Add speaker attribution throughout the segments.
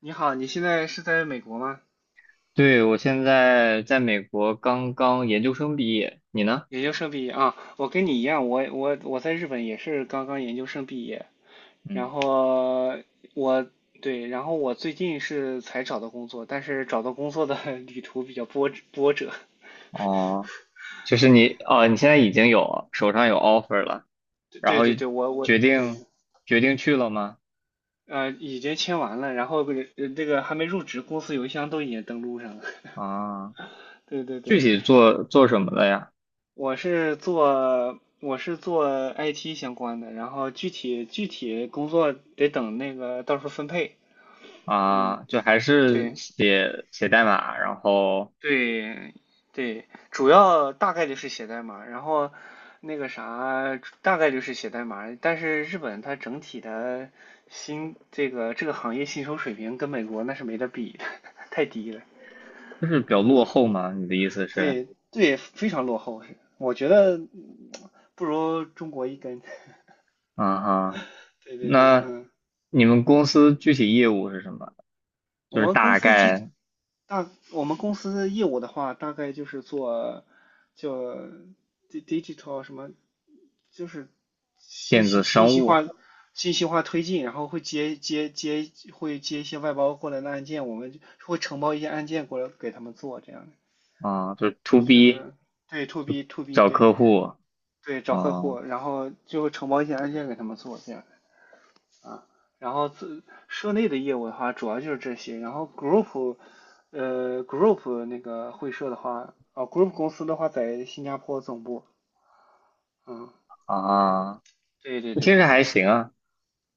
Speaker 1: 你好，你现在是在美国吗？
Speaker 2: 对，我现在在美国刚刚研究生毕业，你呢？
Speaker 1: 研究生毕业啊，我跟你一样，我在日本也是刚刚研究生毕业，然
Speaker 2: 嗯。
Speaker 1: 后我对，然后我最近是才找到工作，但是找到工作的 旅途比较波折，
Speaker 2: 哦。
Speaker 1: 对
Speaker 2: 你现在已经有手上有 offer 了，然
Speaker 1: 对
Speaker 2: 后
Speaker 1: 对对，我
Speaker 2: 决定
Speaker 1: 对，
Speaker 2: 决定去了吗？
Speaker 1: 已经签完了，然后这个还没入职，公司邮箱都已经登录上了，
Speaker 2: 啊，
Speaker 1: 对对
Speaker 2: 具
Speaker 1: 对，
Speaker 2: 体做什么的呀？
Speaker 1: 我是做 IT 相关的，然后具体工作得等那个到时候分配。嗯，
Speaker 2: 啊，就还是
Speaker 1: 对
Speaker 2: 写写代码，然后
Speaker 1: 对对，主要大概率是写代码，然后那个啥大概率是写代码，但是日本它整体的薪这个这个行业薪酬水平跟美国那是没得比的，太低了。
Speaker 2: 就是比较落后嘛？你的意思是？
Speaker 1: 对对，非常落后是我觉得不如中国一根。
Speaker 2: 啊哈。
Speaker 1: 对对对，
Speaker 2: 那
Speaker 1: 嗯。
Speaker 2: 你们公司具体业务是什么？就
Speaker 1: 我
Speaker 2: 是
Speaker 1: 们公
Speaker 2: 大
Speaker 1: 司具
Speaker 2: 概
Speaker 1: 大，我们公司的业务的话，大概就是做就 digital 什么，就是信
Speaker 2: 电
Speaker 1: 息
Speaker 2: 子
Speaker 1: 信
Speaker 2: 商
Speaker 1: 息
Speaker 2: 务
Speaker 1: 化信息化推进，然后会接接接会接一些外包过来的案件，我们就会承包一些案件过来给他们做，这样的
Speaker 2: 啊，就是 to
Speaker 1: 就
Speaker 2: B。
Speaker 1: 是对 to B
Speaker 2: 找
Speaker 1: 对
Speaker 2: 客户，
Speaker 1: 对找客
Speaker 2: 哦
Speaker 1: 户，然后就会承包一些案件给他们做，这样。啊，然后自社内的业务的话，主要就是这些。然后 group 那个会社的话，啊，group 公司的话在新加坡总部。嗯，
Speaker 2: 啊，
Speaker 1: 对对对
Speaker 2: 听
Speaker 1: 对
Speaker 2: 着
Speaker 1: 对。
Speaker 2: 还行啊。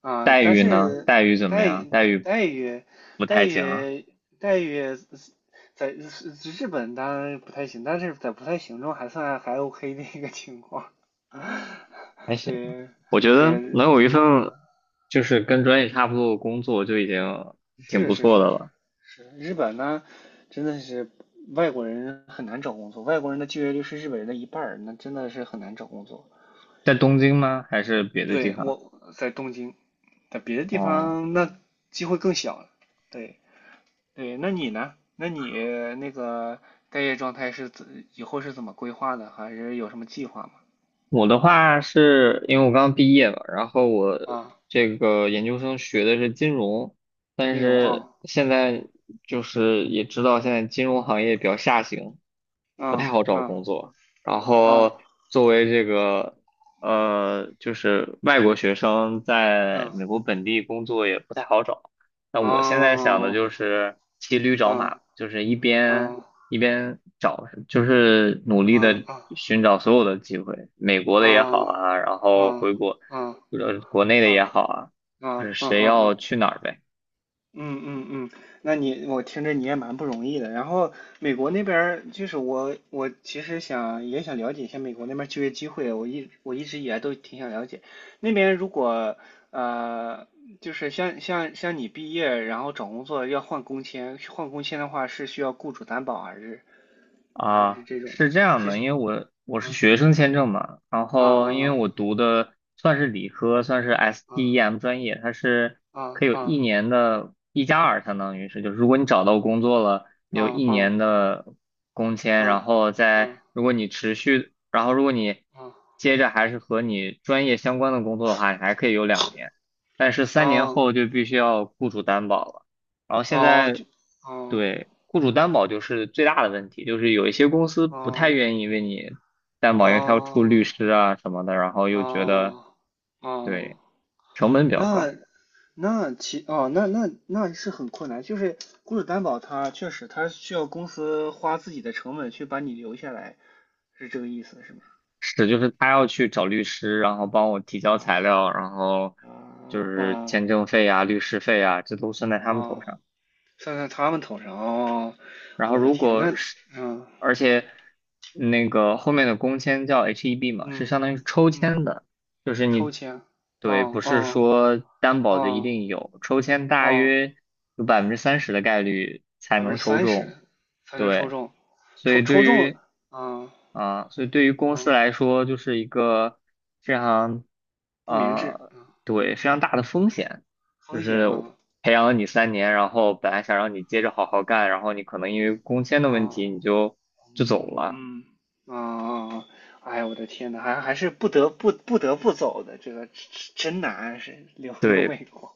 Speaker 1: 啊，
Speaker 2: 待
Speaker 1: 但
Speaker 2: 遇呢？
Speaker 1: 是
Speaker 2: 待遇怎么
Speaker 1: 待
Speaker 2: 样？
Speaker 1: 遇
Speaker 2: 待遇
Speaker 1: 待遇
Speaker 2: 不
Speaker 1: 待
Speaker 2: 太行啊，
Speaker 1: 遇待遇在日日本当然不太行，但是在不太行中还算还 OK 的一个情况。
Speaker 2: 还 行。
Speaker 1: 对
Speaker 2: 我觉得
Speaker 1: 对，
Speaker 2: 能有一份就是跟专业差不多的工作就已经挺
Speaker 1: 是
Speaker 2: 不
Speaker 1: 是
Speaker 2: 错
Speaker 1: 是
Speaker 2: 的
Speaker 1: 是
Speaker 2: 了。
Speaker 1: 是，日本呢，真的是外国人很难找工作，外国人的就业率是日本人的一半儿，那真的是很难找工作。
Speaker 2: 在东京吗？还是别的地
Speaker 1: 对，
Speaker 2: 方？
Speaker 1: 我在东京，在别的地
Speaker 2: 哦。
Speaker 1: 方那机会更小了。对对，那你呢？那你那个待业状态是怎以后是怎么规划的？还是有什么计划吗？
Speaker 2: 我的话是因为我刚毕业嘛，然后我
Speaker 1: 啊，
Speaker 2: 这个研究生学的是金融，但
Speaker 1: 金融
Speaker 2: 是
Speaker 1: 啊，
Speaker 2: 现在就是也知道现在金融行业比较下行，不太
Speaker 1: 啊
Speaker 2: 好找
Speaker 1: 啊
Speaker 2: 工作。然
Speaker 1: 啊
Speaker 2: 后作为这个就是外国学生在美
Speaker 1: 啊
Speaker 2: 国本地工作也不太好找。那
Speaker 1: 啊
Speaker 2: 我现在想的就是骑驴
Speaker 1: 啊
Speaker 2: 找马，就是
Speaker 1: 啊啊
Speaker 2: 一边找，就是努力
Speaker 1: 啊
Speaker 2: 的
Speaker 1: 啊
Speaker 2: 寻找所有的机会，美国
Speaker 1: 啊
Speaker 2: 的也好
Speaker 1: 啊
Speaker 2: 啊，然后
Speaker 1: 啊。
Speaker 2: 回国，
Speaker 1: 啊
Speaker 2: 国内的也好啊，
Speaker 1: 啊
Speaker 2: 就是
Speaker 1: 啊啊
Speaker 2: 谁要
Speaker 1: 啊！
Speaker 2: 去哪儿呗。
Speaker 1: 嗯嗯嗯，那你我听着你也蛮不容易的。然后美国那边儿就是我其实想也想了解一下美国那边儿就业机会，我一直以来都挺想了解。那边如果呃就是像你毕业然后找工作要换工签，换工签的话是需要雇主担保啊还是还
Speaker 2: 啊，
Speaker 1: 是这种
Speaker 2: 是这样
Speaker 1: 是
Speaker 2: 的，因为我是
Speaker 1: 啊
Speaker 2: 学生签证嘛，然
Speaker 1: 啊
Speaker 2: 后因为
Speaker 1: 啊
Speaker 2: 我读的算是理科，算是
Speaker 1: 啊
Speaker 2: STEM 专业，它是
Speaker 1: 啊
Speaker 2: 可以有一
Speaker 1: 啊
Speaker 2: 年的1+2，相当于是，就是如果你找到工作了，
Speaker 1: 啊
Speaker 2: 有
Speaker 1: 啊
Speaker 2: 一
Speaker 1: 啊啊
Speaker 2: 年的工签，
Speaker 1: 啊
Speaker 2: 然
Speaker 1: 啊
Speaker 2: 后再
Speaker 1: 啊
Speaker 2: 如果你持续，然后如果你
Speaker 1: 啊！
Speaker 2: 接着还是和你专业相关的工作的话，你还可以有2年，但是三年
Speaker 1: 哦
Speaker 2: 后就必须要雇主担保了。然后现
Speaker 1: 哦，
Speaker 2: 在
Speaker 1: 就，哦，
Speaker 2: 对雇主担保就是最大的问题，就是有一些公司不太
Speaker 1: 哦，
Speaker 2: 愿意为你担保，因为他要出律
Speaker 1: 哦，
Speaker 2: 师啊什么的，然后又觉得
Speaker 1: 哦，
Speaker 2: 对
Speaker 1: 哦，
Speaker 2: 成本比较
Speaker 1: 那
Speaker 2: 高。
Speaker 1: 那其哦，那是很困难，就是雇主担保他确实他需要公司花自己的成本去把你留下来，是这个意思是吗？
Speaker 2: 是，就是他要去找律师，然后帮我提交材
Speaker 1: 哦，
Speaker 2: 料，然后就
Speaker 1: 哦，
Speaker 2: 是
Speaker 1: 哦，
Speaker 2: 签证费啊、律师费啊，这都算在他们头
Speaker 1: 哦，
Speaker 2: 上。
Speaker 1: 算在他们头上哦，
Speaker 2: 然后
Speaker 1: 我的
Speaker 2: 如
Speaker 1: 天，
Speaker 2: 果
Speaker 1: 那，
Speaker 2: 是，
Speaker 1: 嗯
Speaker 2: 而且那个后面的工签叫 HEB 嘛，是
Speaker 1: 嗯
Speaker 2: 相当于抽
Speaker 1: 嗯，
Speaker 2: 签的，就是
Speaker 1: 抽
Speaker 2: 你，
Speaker 1: 签，
Speaker 2: 对，
Speaker 1: 哦
Speaker 2: 不是
Speaker 1: 哦
Speaker 2: 说担保就一
Speaker 1: 哦
Speaker 2: 定有，抽签大
Speaker 1: 哦。
Speaker 2: 约有30%的概率才
Speaker 1: 百分
Speaker 2: 能
Speaker 1: 之
Speaker 2: 抽
Speaker 1: 三
Speaker 2: 中，
Speaker 1: 十才能抽
Speaker 2: 对，
Speaker 1: 中，
Speaker 2: 所
Speaker 1: 抽
Speaker 2: 以
Speaker 1: 抽
Speaker 2: 对
Speaker 1: 中，
Speaker 2: 于
Speaker 1: 嗯
Speaker 2: 啊，所以对于公司
Speaker 1: 嗯，
Speaker 2: 来说，就是一个非常，
Speaker 1: 不明智，
Speaker 2: 呃，
Speaker 1: 嗯，
Speaker 2: 对，非常大的风险，就
Speaker 1: 风险
Speaker 2: 是
Speaker 1: 啊
Speaker 2: 培养了你三年，然后本来想让你接着好好干，然后你可能因为工签的问
Speaker 1: 啊，
Speaker 2: 题，你就走
Speaker 1: 嗯
Speaker 2: 了，
Speaker 1: 嗯啊啊，哎呀，我的天呐，还是不得不走的，这个真难，是留
Speaker 2: 对，
Speaker 1: 美国，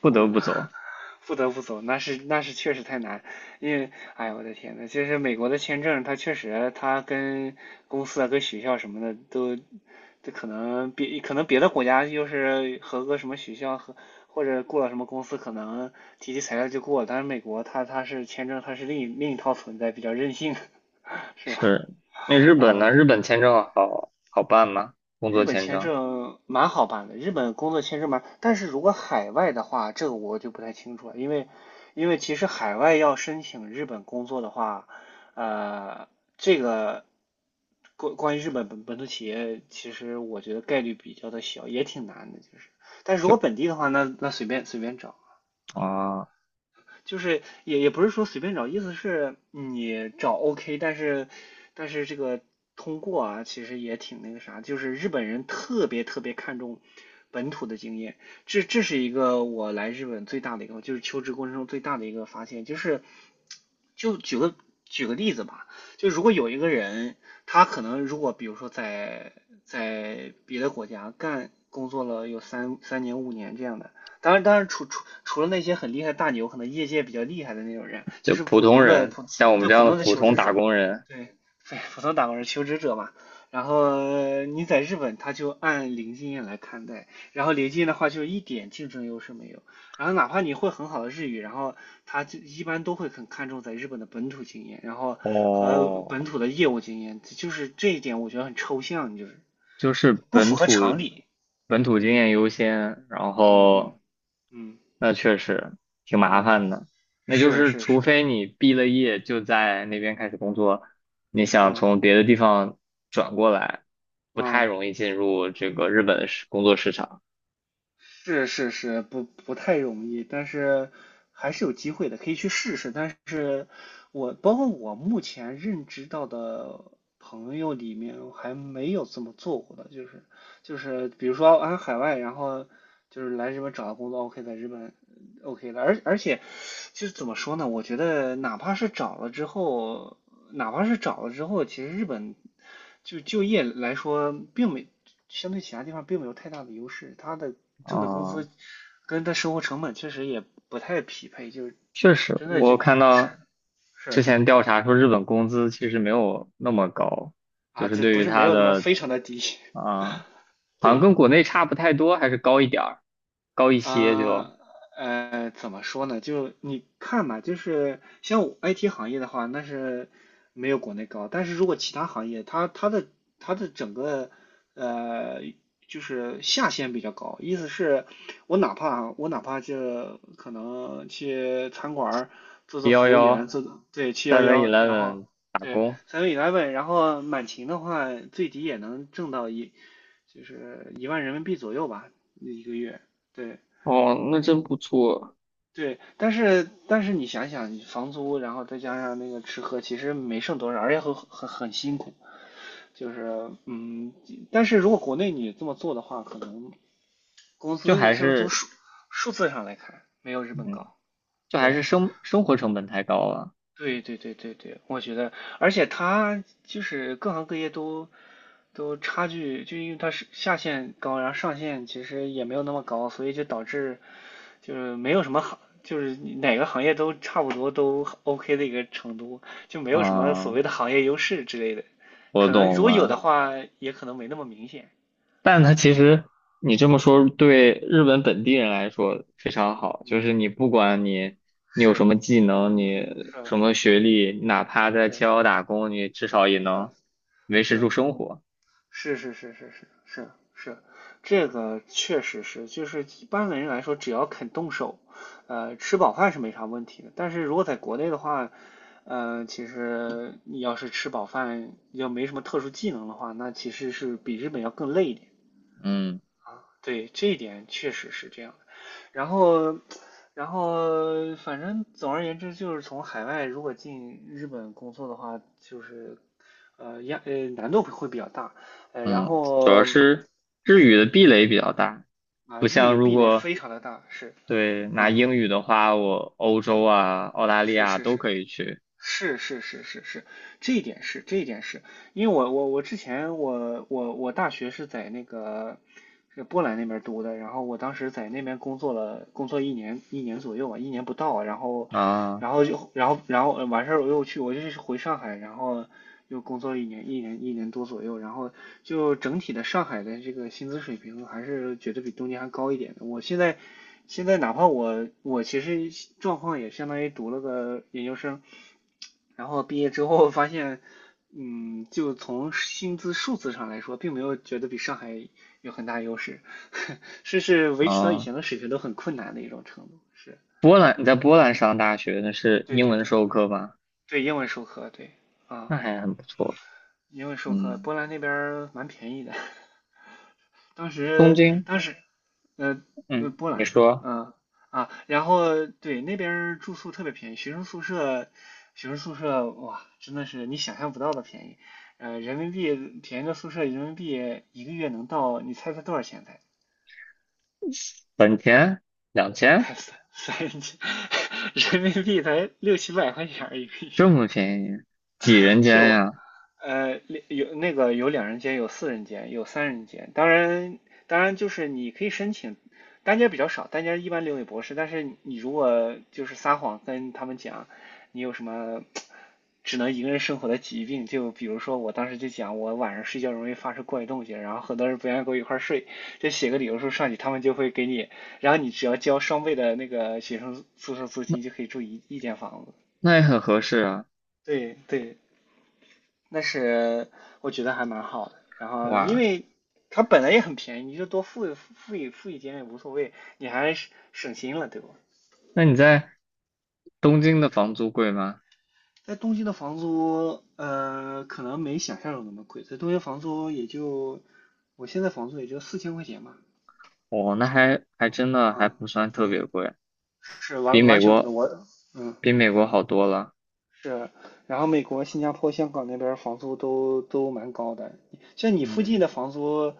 Speaker 2: 不得
Speaker 1: 嗯。
Speaker 2: 不 走。
Speaker 1: 不得不走，那是确实太难，因为哎呀，我的天呐，就是美国的签证，它确实它跟公司啊、跟学校什么的都，这可能别的国家就是合格什么学校和或者过了什么公司，可能提起材料就过了，但是美国它是签证，它是另一套存在，比较任性，是吧？
Speaker 2: 是，那日本
Speaker 1: 啊，我
Speaker 2: 呢？日本签证好好办吗？工
Speaker 1: 日
Speaker 2: 作
Speaker 1: 本
Speaker 2: 签
Speaker 1: 签
Speaker 2: 证
Speaker 1: 证蛮好办的，日本工作签证蛮，但是如果海外的话，这个我就不太清楚了，因为其实海外要申请日本工作的话，呃，这个关于日本本土企业，其实我觉得概率比较的小，也挺难的，就是。但是如果
Speaker 2: 就
Speaker 1: 本地的话，那那随便找。
Speaker 2: 啊，
Speaker 1: 就是也不是说随便找，意思是你找 OK，但是这个通过啊，其实也挺那个啥，就是日本人特别特别看重本土的经验，这是一个我来日本最大的一个，就是求职过程中最大的一个发现，就是就举个举个例子吧，就如果有一个人，他可能如果比如说在别的国家干工作了有三年五年这样的，当然，当然除了那些很厉害的大牛，可能业界比较厉害的那种人，就
Speaker 2: 就
Speaker 1: 是
Speaker 2: 普
Speaker 1: 普
Speaker 2: 通
Speaker 1: 通的
Speaker 2: 人，
Speaker 1: 普
Speaker 2: 像我们
Speaker 1: 对
Speaker 2: 这
Speaker 1: 普
Speaker 2: 样的
Speaker 1: 通的
Speaker 2: 普
Speaker 1: 求
Speaker 2: 通
Speaker 1: 职
Speaker 2: 打
Speaker 1: 者，
Speaker 2: 工人，
Speaker 1: 对对普通打工人求职者嘛。然后你在日本，他就按零经验来看待，然后零经验的话就一点竞争优势没有。然后哪怕你会很好的日语，然后他就一般都会很看重在日本的本土经验，然后和
Speaker 2: 哦，
Speaker 1: 本土的业务经验，就是这一点我觉得很抽象，就是
Speaker 2: 就是
Speaker 1: 不符
Speaker 2: 本
Speaker 1: 合
Speaker 2: 土
Speaker 1: 常理。
Speaker 2: 本土经
Speaker 1: 嗯
Speaker 2: 验优先，然
Speaker 1: 嗯嗯
Speaker 2: 后
Speaker 1: 嗯
Speaker 2: 那确实挺麻
Speaker 1: 啊。
Speaker 2: 烦的。那就
Speaker 1: 是
Speaker 2: 是
Speaker 1: 是
Speaker 2: 除
Speaker 1: 是，
Speaker 2: 非你毕了业就在那边开始工作，你想
Speaker 1: 嗯
Speaker 2: 从别的地方转过来，不太
Speaker 1: 嗯，
Speaker 2: 容易进入这个日本的工作市场。
Speaker 1: 是是是，不太容易，但是还是有机会的，可以去试试。但是我包括我目前认知到的朋友里面，我还没有这么做过的，就是比如说啊海外，然后就是来日本找到工作，OK，在日本OK 了，而且就是怎么说呢？我觉得哪怕是找了之后。哪怕是找了之后，其实日本就就业来说，并没相对其他地方并没有太大的优势，他的挣的工
Speaker 2: 啊，
Speaker 1: 资跟他生活成本确实也不太匹配，就是
Speaker 2: 确实，
Speaker 1: 真的就
Speaker 2: 我看
Speaker 1: 是
Speaker 2: 到之
Speaker 1: 是
Speaker 2: 前调查说日本工资其实没有那么高，就
Speaker 1: 啊，
Speaker 2: 是
Speaker 1: 这
Speaker 2: 对
Speaker 1: 不
Speaker 2: 于
Speaker 1: 是没
Speaker 2: 它
Speaker 1: 有那么
Speaker 2: 的
Speaker 1: 非常的低，
Speaker 2: 啊，好像
Speaker 1: 对，
Speaker 2: 跟国内差不太多，还是高一点儿，高一些
Speaker 1: 啊，
Speaker 2: 就。
Speaker 1: 怎么说呢？就你看吧，就是像我 IT 行业的话，那是没有国内高。但是如果其他行业，它的整个呃，就是下限比较高，意思是，我哪怕就可能去餐馆儿做
Speaker 2: 一
Speaker 1: 做
Speaker 2: 幺
Speaker 1: 服务员，
Speaker 2: 幺
Speaker 1: 做做对七幺
Speaker 2: Seven
Speaker 1: 幺，然后
Speaker 2: Eleven 打
Speaker 1: 对
Speaker 2: 工，
Speaker 1: seven eleven，然后满勤的话，最低也能挣到就是1万人民币左右吧，一个月。对，
Speaker 2: 哦，那真不错。
Speaker 1: 对，但是你想想，你房租，然后再加上那个吃喝，其实没剩多少，而且很辛苦。就是嗯，但是如果国内你这么做的话，可能工
Speaker 2: 就
Speaker 1: 资
Speaker 2: 还
Speaker 1: 上从
Speaker 2: 是
Speaker 1: 数字上来看，没有日本
Speaker 2: 嗯，
Speaker 1: 高。
Speaker 2: 就还
Speaker 1: 对，
Speaker 2: 是生活成本太高了。
Speaker 1: 对对对对对，我觉得，而且它就是各行各业都差距，就因为它是下限高，然后上限其实也没有那么高，所以就导致就是没有什么行，就是哪个行业都差不多都 OK 的一个程度，就没有什么所
Speaker 2: 啊，
Speaker 1: 谓的行业优势之类的。
Speaker 2: 我
Speaker 1: 可能如
Speaker 2: 懂
Speaker 1: 果有的
Speaker 2: 了。
Speaker 1: 话，也可能没那么明显。
Speaker 2: 但它
Speaker 1: 嗯
Speaker 2: 其实你这么说，对日本本地
Speaker 1: 嗯
Speaker 2: 人来说非常好，就
Speaker 1: 嗯，
Speaker 2: 是你不管
Speaker 1: 啊，
Speaker 2: 你有什
Speaker 1: 是
Speaker 2: 么技能，你
Speaker 1: 是
Speaker 2: 什么学历，哪怕在七
Speaker 1: 是
Speaker 2: 幺打工，你至少也
Speaker 1: 是
Speaker 2: 能维持住
Speaker 1: 是，
Speaker 2: 生活。
Speaker 1: 是是是是是是是，这个确实是，就是一般的人来说，只要肯动手，吃饱饭是没啥问题的。但是如果在国内的话，其实你要是吃饱饭要没什么特殊技能的话，那其实是比日本要更累一点。
Speaker 2: 嗯
Speaker 1: 对，这一点确实是这样的然后，反正总而言之，就是从海外如果进日本工作的话，就是呃压呃难度会比较大，呃，然
Speaker 2: 嗯，主要
Speaker 1: 后
Speaker 2: 是日语
Speaker 1: 对
Speaker 2: 的壁垒比较大。
Speaker 1: 啊，
Speaker 2: 不
Speaker 1: 日
Speaker 2: 像
Speaker 1: 语
Speaker 2: 如
Speaker 1: 壁垒
Speaker 2: 果
Speaker 1: 非常的大，是，
Speaker 2: 对，拿
Speaker 1: 嗯，
Speaker 2: 英语的话，我欧洲啊、澳大利
Speaker 1: 是
Speaker 2: 亚
Speaker 1: 是
Speaker 2: 都
Speaker 1: 是
Speaker 2: 可以去
Speaker 1: 是是是是是是，这一点是，因为我之前我大学是在波兰那边读的，然后我当时在那边工作了，工作一年左右吧，一年不到，然后，
Speaker 2: 啊
Speaker 1: 然后完事儿我又去，我就是回上海，然后又工作一年多左右，然后就整体的上海的这个薪资水平还是觉得比东京还高一点的。我现在哪怕我其实状况也相当于读了个研究生，然后毕业之后发现，就从薪资数字上来说，并没有觉得比上海有很大优势，是维持到以
Speaker 2: 啊。
Speaker 1: 前的水平都很困难的一种程度。是，
Speaker 2: 波兰，你在波兰上大学，那是
Speaker 1: 对
Speaker 2: 英
Speaker 1: 对
Speaker 2: 文
Speaker 1: 对
Speaker 2: 授课吗？
Speaker 1: 对，英文授课，对啊，
Speaker 2: 那还很不错。
Speaker 1: 英文授课，
Speaker 2: 嗯，
Speaker 1: 波兰那边儿蛮便宜的。当
Speaker 2: 东
Speaker 1: 时
Speaker 2: 京，
Speaker 1: 当时呃
Speaker 2: 嗯，
Speaker 1: 波
Speaker 2: 你
Speaker 1: 兰，
Speaker 2: 说
Speaker 1: 然后对那边儿住宿特别便宜，学生宿舍哇真的是你想象不到的便宜，呃人民币便宜的宿舍人民币一个月能到，你猜猜多少钱才？
Speaker 2: 本田两 千
Speaker 1: 三千 人民币才六七百块钱儿一个
Speaker 2: 这
Speaker 1: 月，
Speaker 2: 么便宜，几人
Speaker 1: 是
Speaker 2: 间
Speaker 1: 我
Speaker 2: 呀？
Speaker 1: 呃，有两人间，有四人间，有三人间。当然，就是你可以申请，单间比较少，单间一般留给博士。但是你如果就是撒谎跟他们讲你有什么只能一个人生活的疾病，就比如说我当时就讲我晚上睡觉容易发生怪动静，然后很多人不愿意跟我一块儿睡，就写个理由说上去，他们就会给你，然后你只要交双倍的那个学生宿舍租金就可以住一间房子。
Speaker 2: 那也很合适啊。
Speaker 1: 对对，那是我觉得还蛮好的。然后因
Speaker 2: 哇，
Speaker 1: 为它本来也很便宜，你就多付一点也无所谓，你还省心了，对吧？
Speaker 2: 那你在东京的房
Speaker 1: 嗯，
Speaker 2: 租贵吗？
Speaker 1: 在东京的房租，可能没想象中那么贵，在东京房租也就我现在房租也就4000块钱吧。
Speaker 2: 哦，那还
Speaker 1: 啊，
Speaker 2: 真的还
Speaker 1: 啊，
Speaker 2: 不算特
Speaker 1: 嗯
Speaker 2: 别贵，
Speaker 1: 是
Speaker 2: 比
Speaker 1: 完
Speaker 2: 美
Speaker 1: 完全不同，
Speaker 2: 国
Speaker 1: 嗯
Speaker 2: 比美国好多了。
Speaker 1: 是，然后美国、新加坡、香港那边房租都蛮高的，像你附
Speaker 2: 嗯。
Speaker 1: 近的房租，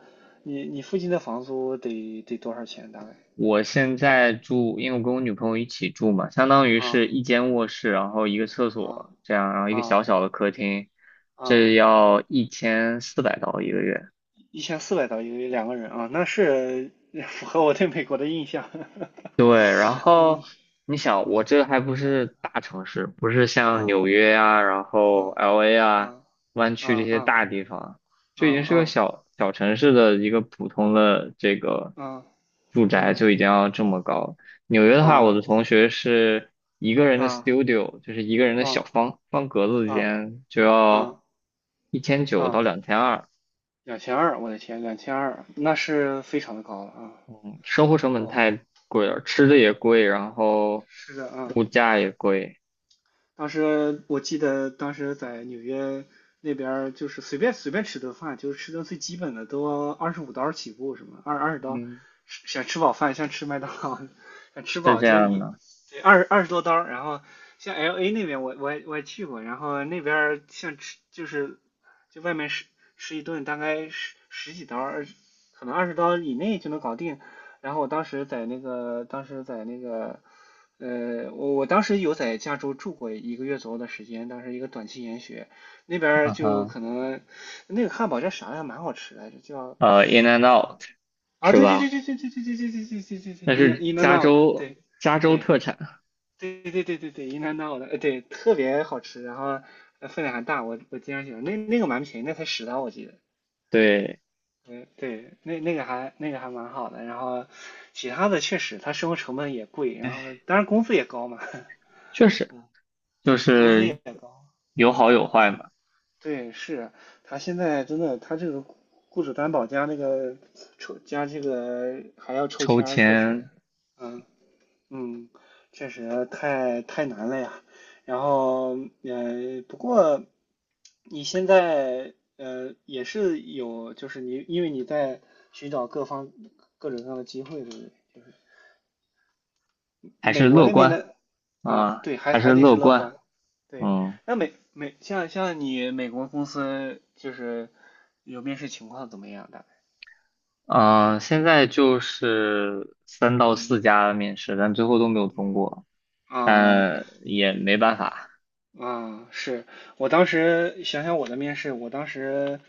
Speaker 1: 你附近的房租得多少钱大概？
Speaker 2: 我现在住，因为我跟我女朋友一起住嘛，相当于
Speaker 1: 啊
Speaker 2: 是一间卧室，然后一个厕
Speaker 1: 啊
Speaker 2: 所这样，然后一个
Speaker 1: 啊
Speaker 2: 小小的客厅，
Speaker 1: 啊！
Speaker 2: 这要1400刀一个月。
Speaker 1: 1400刀一个月两个人啊，那是 符合我对美国的印象。
Speaker 2: 对，然
Speaker 1: 嗯
Speaker 2: 后你想，我这还不是大城市，不是像纽
Speaker 1: 啊
Speaker 2: 约啊，然
Speaker 1: 啊
Speaker 2: 后 LA 啊，
Speaker 1: 啊
Speaker 2: 湾
Speaker 1: 啊
Speaker 2: 区这些
Speaker 1: 啊
Speaker 2: 大地方，
Speaker 1: 啊
Speaker 2: 就已经是个
Speaker 1: 啊
Speaker 2: 小小城市的一个普通的这个
Speaker 1: 啊
Speaker 2: 住宅
Speaker 1: 嗯
Speaker 2: 就已经要这么高。纽约的话，我的
Speaker 1: 啊
Speaker 2: 同学是一个人的
Speaker 1: 啊
Speaker 2: studio,就是一个人的小
Speaker 1: 啊
Speaker 2: 方方格子
Speaker 1: 啊
Speaker 2: 间，就要
Speaker 1: 啊
Speaker 2: 1900到
Speaker 1: 啊！
Speaker 2: 2200，
Speaker 1: 两千二，我的天，两千二，那是非常的高了啊！
Speaker 2: 生活成本
Speaker 1: 哇
Speaker 2: 太贵了，吃的也贵，
Speaker 1: 啊，
Speaker 2: 然后
Speaker 1: 是的啊
Speaker 2: 物价也贵，
Speaker 1: 当时我记得在纽约那边就是随便吃顿饭，就是吃顿最基本的都25刀起步，什么二十刀，
Speaker 2: 嗯。
Speaker 1: 想吃饱饭像吃麦当劳，想吃
Speaker 2: 是
Speaker 1: 饱
Speaker 2: 这
Speaker 1: 就
Speaker 2: 样
Speaker 1: 一
Speaker 2: 的，
Speaker 1: 对20多刀，然后像 LA 那边我也去过，然后那边像吃就是就外面吃一顿大概十几刀，可能二十刀以内就能搞定。然后我当时在那个当时在那个呃，我当时有在加州住过一个月左右的时间，当时一个短期研学，那边儿
Speaker 2: 嗯
Speaker 1: 就
Speaker 2: 哼，
Speaker 1: 可能那个汉堡叫啥来着，蛮好吃来着，叫
Speaker 2: In and Out
Speaker 1: 啊，
Speaker 2: 是
Speaker 1: 对对
Speaker 2: 吧？
Speaker 1: 对对对对对对对对对对对对，
Speaker 2: 那是
Speaker 1: In a n
Speaker 2: 加
Speaker 1: o
Speaker 2: 州
Speaker 1: 对
Speaker 2: 加州
Speaker 1: 对
Speaker 2: 特产，
Speaker 1: 对对对对对对 In a n o 的，对，特别好吃，然后分量还大，我经常喜欢，那个蛮便宜，那才十刀我记得，
Speaker 2: 对，
Speaker 1: 对对，那那个还那个还蛮好的，然后其他的确实它生活成本也贵，然后
Speaker 2: 哎
Speaker 1: 当然工资也高嘛，
Speaker 2: 确 实
Speaker 1: 嗯，
Speaker 2: 就
Speaker 1: 对，工资也
Speaker 2: 是
Speaker 1: 高。
Speaker 2: 有好
Speaker 1: 嗯
Speaker 2: 有坏嘛。
Speaker 1: 对，是他现在真的，他这个雇主担保加那个抽加这个还要抽
Speaker 2: 抽
Speaker 1: 签儿，确
Speaker 2: 签
Speaker 1: 实，嗯嗯，确实太难了呀。然后，不过你现在也是有，就是你因为你在寻找各方各种各样的机会，对不对？
Speaker 2: 还
Speaker 1: 美
Speaker 2: 是
Speaker 1: 国
Speaker 2: 乐
Speaker 1: 那边
Speaker 2: 观
Speaker 1: 的啊，
Speaker 2: 啊，
Speaker 1: 对，
Speaker 2: 还是
Speaker 1: 还得是
Speaker 2: 乐
Speaker 1: 乐
Speaker 2: 观，
Speaker 1: 观。对，
Speaker 2: 嗯
Speaker 1: 那美美像像你美国公司就是有面试情况怎么样的？
Speaker 2: 嗯，现在就是三到
Speaker 1: 嗯
Speaker 2: 四家面试，但最后都没有
Speaker 1: 嗯
Speaker 2: 通过，
Speaker 1: 啊
Speaker 2: 但也没办法，
Speaker 1: 啊啊！是我当时想我的面试，我当时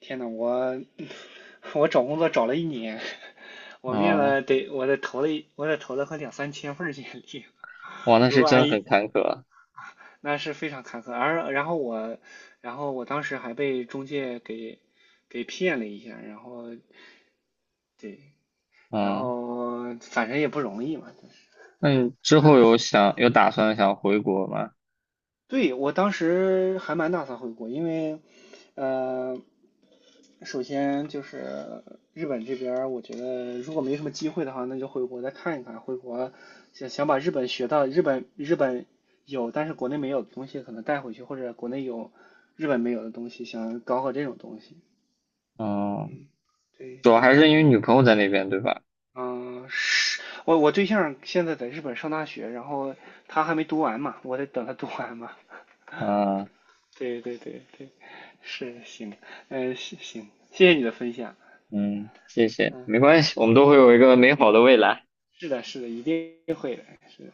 Speaker 1: 天呐，我 我找工作找了一年，我面
Speaker 2: 哦，
Speaker 1: 了得我得投了快两三千份儿简历，
Speaker 2: 哇，那
Speaker 1: 如
Speaker 2: 是
Speaker 1: 果按
Speaker 2: 真很坎坷，
Speaker 1: 那是非常坎坷。而然后我，然后我当时还被中介给骗了一下，然后对，然
Speaker 2: 嗯，
Speaker 1: 后反正也不容易嘛，就是
Speaker 2: 那你之后有想有打算想回国吗？
Speaker 1: 对我当时还蛮打算回国，因为呃，首先就是日本这边儿我觉得如果没什么机会的话，那就回国再看一看。回国想想把日本学到日本有但是国内没有的东西，可能带回去，或者国内有日本没有的东西，想搞搞这种东西。
Speaker 2: 嗯，
Speaker 1: 嗯，对
Speaker 2: 主要还
Speaker 1: 对，
Speaker 2: 是因为女朋友在那边，对吧？
Speaker 1: 嗯，是我对象现在在日本上大学，然后他还没读完嘛，我得等他读完嘛。
Speaker 2: 嗯
Speaker 1: 对对对对，是行，是行，谢谢你的分享。
Speaker 2: 嗯，谢谢，
Speaker 1: 嗯，
Speaker 2: 没关系，我们都会有一个美好的未来。
Speaker 1: 是的，是的，一定会的，是的。